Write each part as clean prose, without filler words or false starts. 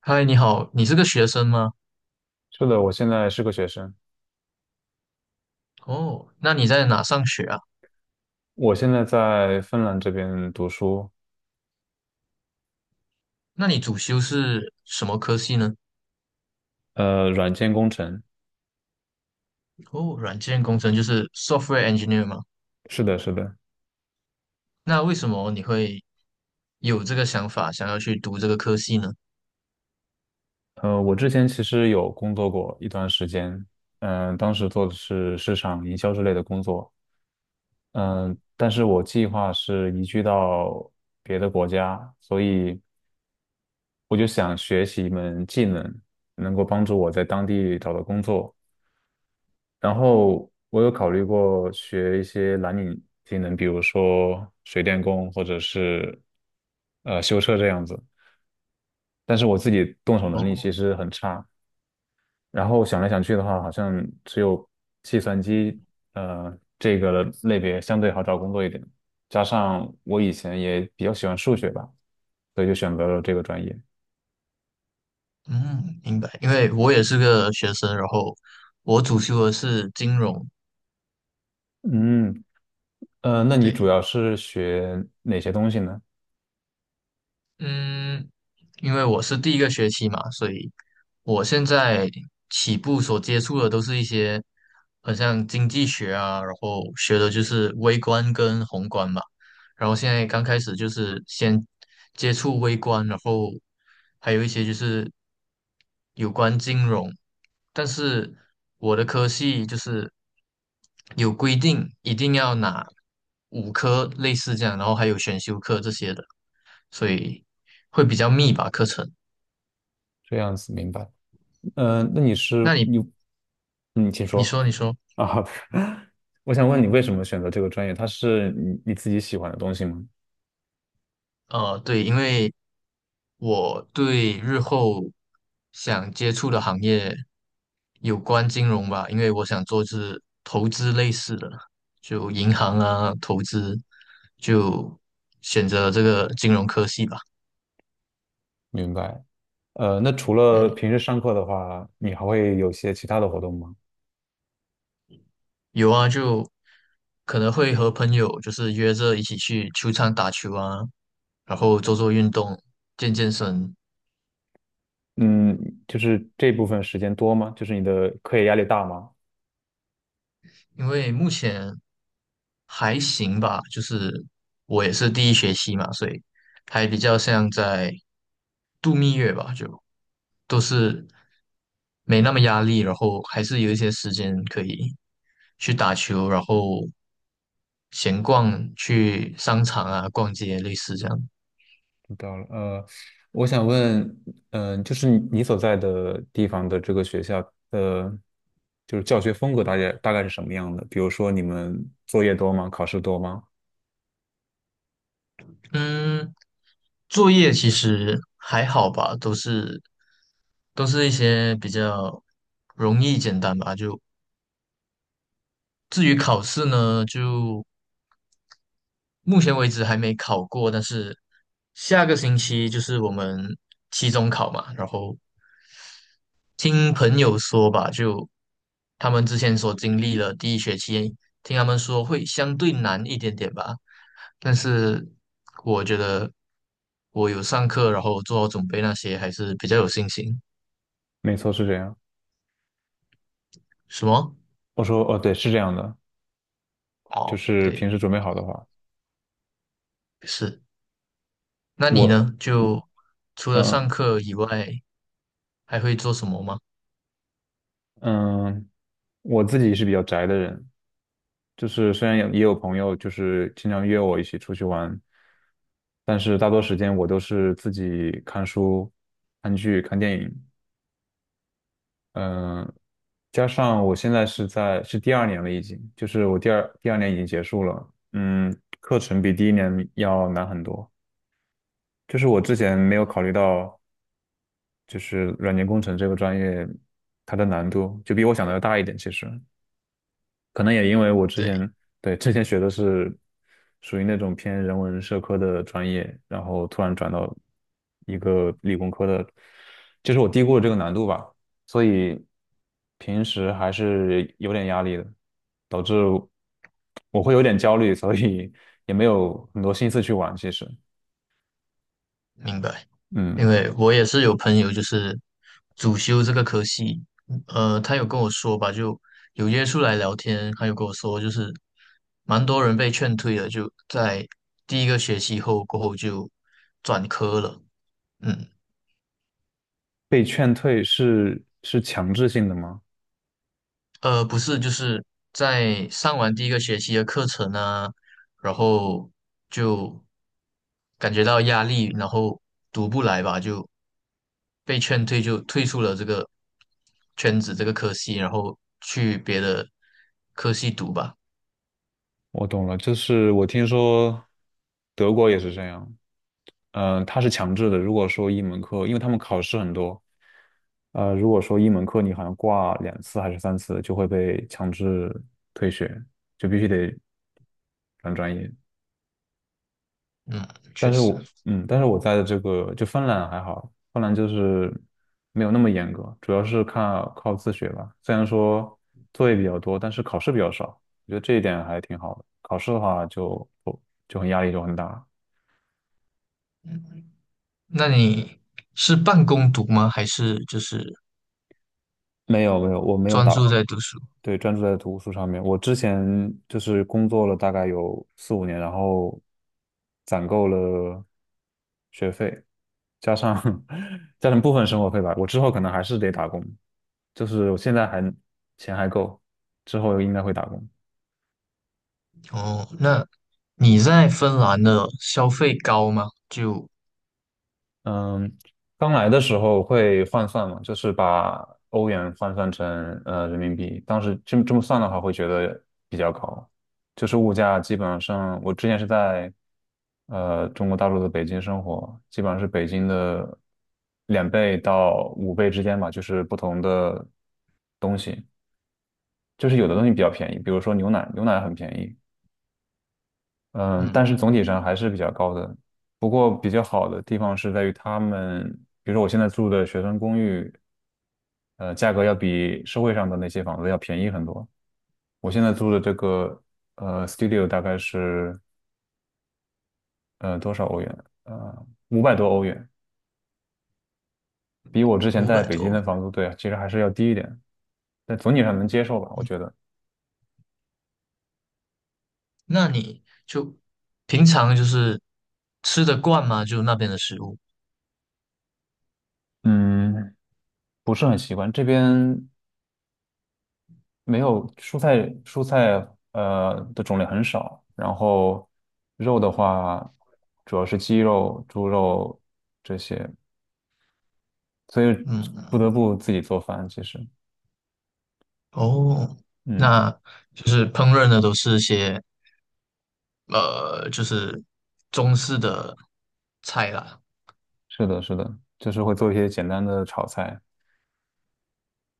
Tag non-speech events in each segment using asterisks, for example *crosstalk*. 嗨，你好，你是个学生吗？是的，我现在是个学生，哦，那你在哪上学啊？我现在在芬兰这边读书，那你主修是什么科系呢？软件工程。哦，软件工程就是 software engineer 吗？是的，是的，那为什么你会有这个想法，想要去读这个科系呢？我之前其实有工作过一段时间，当时做的是市场营销之类的工作，嗯、但是我计划是移居到别的国家，所以我就想学习一门技能，能够帮助我在当地找到工作。然后我有考虑过学一些蓝领技能，比如说水电工或者是修车这样子，但是我自己动手能力其哦，实很差。然后想来想去的话，好像只有计算机这个类别相对好找工作一点，加上我以前也比较喜欢数学吧，所以就选择了这个专业。嗯，明白，因为我也是个学生，然后我主修的是金融。嗯，那你主对，要是学哪些东西呢？嗯，因为我是第一个学期嘛，所以我现在起步所接触的都是一些很像经济学啊，然后学的就是微观跟宏观吧。然后现在刚开始就是先接触微观，然后还有一些就是有关金融，但是我的科系就是有规定一定要拿5科类似这样，然后还有选修课这些的，所以会比较密吧课程。这样子明白。嗯，那你是那你你，嗯，请你说说你说。啊。*laughs* 我想问你为什么选择这个专业？它是你自己喜欢的东西吗？对，因为我对日后想接触的行业有关金融吧，因为我想做是投资类似的，就银行啊，投资，就选择这个金融科系吧。明白。那除了嗯，平时上课的话，你还会有些其他的活动吗？有啊，就可能会和朋友就是约着一起去球场打球啊，然后做做运动，健健身。嗯，就是这部分时间多吗？就是你的课业压力大吗？因为目前还行吧，就是我也是第一学期嘛，所以还比较像在度蜜月吧，就都是没那么压力，然后还是有一些时间可以去打球，然后闲逛，去商场啊逛街，类似这样。知道了。我想问，就是你所在的地方的这个学校的，就是教学风格大概是什么样的？比如说你们作业多吗？考试多吗？嗯，作业其实还好吧，都是一些比较容易简单吧。就至于考试呢，就目前为止还没考过，但是下个星期就是我们期中考嘛，然后听朋友说吧，就他们之前所经历了第一学期，听他们说会相对难一点点吧，但是我觉得我有上课，然后做好准备那些，还是比较有信心。没错，是这样。什么？我说，哦，对，是这样的，就哦，是平对，时准备好的话，是。那你我，呢？就除了嗯上课以外，还会做什么吗？嗯，我自己是比较宅的人，就是虽然有也有朋友就是经常约我一起出去玩，但是大多时间我都是自己看书、看剧、看电影，嗯，加上我现在是第二年了，已经，就是我第二年已经结束了，嗯，课程比第一年要难很多。就是我之前没有考虑到，就是软件工程这个专业，它的难度就比我想的要大一点。其实可能也因为我之对。前对之前学的是属于那种偏人文社科的专业，然后突然转到一个理工科的，就是我低估了这个难度吧，所以平时还是有点压力的，导致我会有点焦虑，所以也没有很多心思去玩。其实，明白，因嗯，为我也是有朋友就是主修这个科系，他有跟我说吧，就有约出来聊天，他有跟我说就是蛮多人被劝退了，就在第一个学期后过后就转科了，嗯。被劝退是强制性的吗？不是，就是在上完第一个学期的课程呢，然后就感觉到压力，然后读不来吧，就被劝退，就退出了这个圈子这个科系，然后去别的科系读吧。我懂了，就是我听说德国也是这样，它是强制的。如果说一门课，因为他们考试很多，如果说一门课你好像挂两次还是三次，就会被强制退学，就必须得转专业。嗯，确实。但是我在的这个就芬兰还好，芬兰就是没有那么严格，主要是靠自学吧。虽然说作业比较多，但是考试比较少，我觉得这一点还挺好的。考试的话就不就很压力就很大。那你是半工读吗？还是就是没有，我没有专打，注在读书？对，专注在读书上面。我之前就是工作了大概有四五年，然后攒够了学费，加上 *laughs* 加上部分生活费吧，我之后可能还是得打工。就是我现在还钱还够，之后应该会打工。哦，那你在芬兰的消费高吗？就嗯，刚来的时候会换算嘛，就是把欧元换算成人民币，当时这么算的话，会觉得比较高。就是物价基本上，我之前是在中国大陆的北京生活，基本上是北京的两倍到五倍之间吧，就是不同的东西，就是有的东西比较便宜，比如说牛奶，牛奶很便宜，嗯，但嗯，是总体上还是比较高的。不过比较好的地方是在于他们，比如说我现在住的学生公寓，价格要比社会上的那些房子要便宜很多。我现在租的这个studio 大概是多少欧元？五百多欧元，比我之前五在百北京多的房租对啊，其实还是要低一点，但总体上能接受吧，我觉得。那你就平常就是吃得惯吗？就那边的食物？嗯，不是很习惯这边，没有蔬菜，蔬菜的种类很少，然后肉的话主要是鸡肉、猪肉这些，所以不得嗯，不自己做饭。其实，哦，嗯，那就是烹饪的都是一些就是中式的菜啦。是的，是的，就是会做一些简单的炒菜。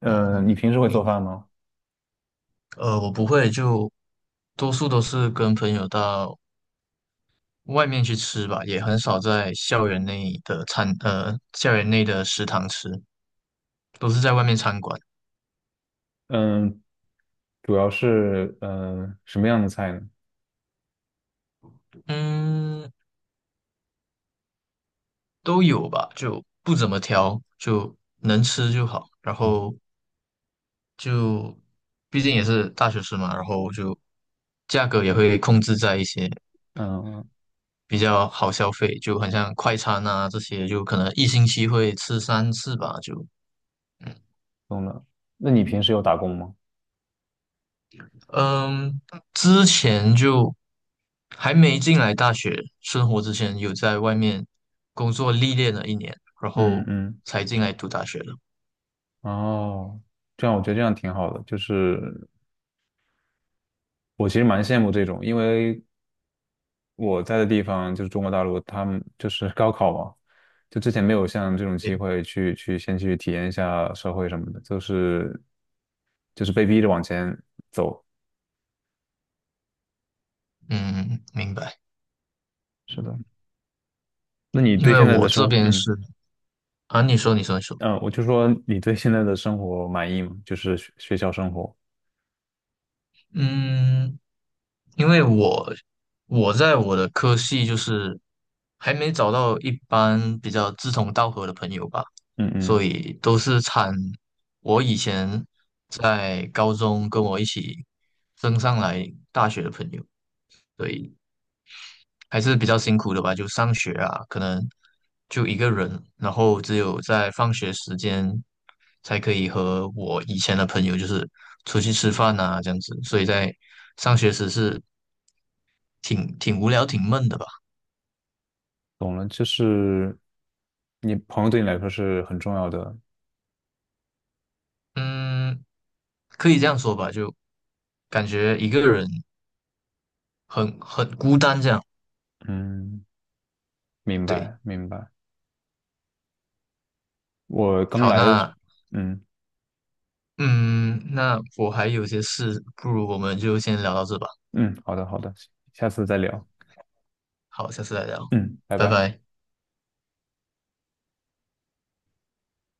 嗯、你嗯，平时会做饭吗？我不会，就多数都是跟朋友到外面去吃吧，也很少在校园内的食堂吃，都是在外面餐馆。嗯，主要是什么样的菜呢？嗯，都有吧，就不怎么挑，就能吃就好。然后就毕竟也是大学生嘛，然后就价格也会控制在一些嗯，比较好消费，就很像快餐啊这些，就可能1星期会吃3次吧，就嗯懂了。那你平时有打工吗？嗯，之前就还没进来大学生活之前，有在外面工作历练了1年，然嗯后嗯，才进来读大学的。哦，这样我觉得这样挺好的，就是我其实蛮羡慕这种，因为我在的地方就是中国大陆，他们就是 *laughs* 高考嘛，就之前没有像这种机对，会去先去体验一下社会什么的，就是被逼着往前走。嗯，明白。是的，那你因对为现在我的生这活，边嗯是啊，你说，你说，你说，嗯，我就说你对现在的生活满意吗？就是学校生活，嗯，因为我在我的科系就是还没找到一般比较志同道合的朋友吧，嗯所嗯，以都是我以前在高中跟我一起升上来大学的朋友，对，还是比较辛苦的吧，就上学啊，可能就一个人，然后只有在放学时间才可以和我以前的朋友就是出去吃饭啊这样子，所以在上学时是挺无聊、挺闷的吧，懂了，就是你朋友对你来说是很重要的，嗯，可以这样说吧，就感觉一个人很孤单这样。嗯，明对，白明白。我刚好，来的时，那嗯。嗯，那我还有些事，不如我们就先聊到这吧，嗯，好的好的，下次再聊。好，下次再聊，嗯，拜拜拜。拜。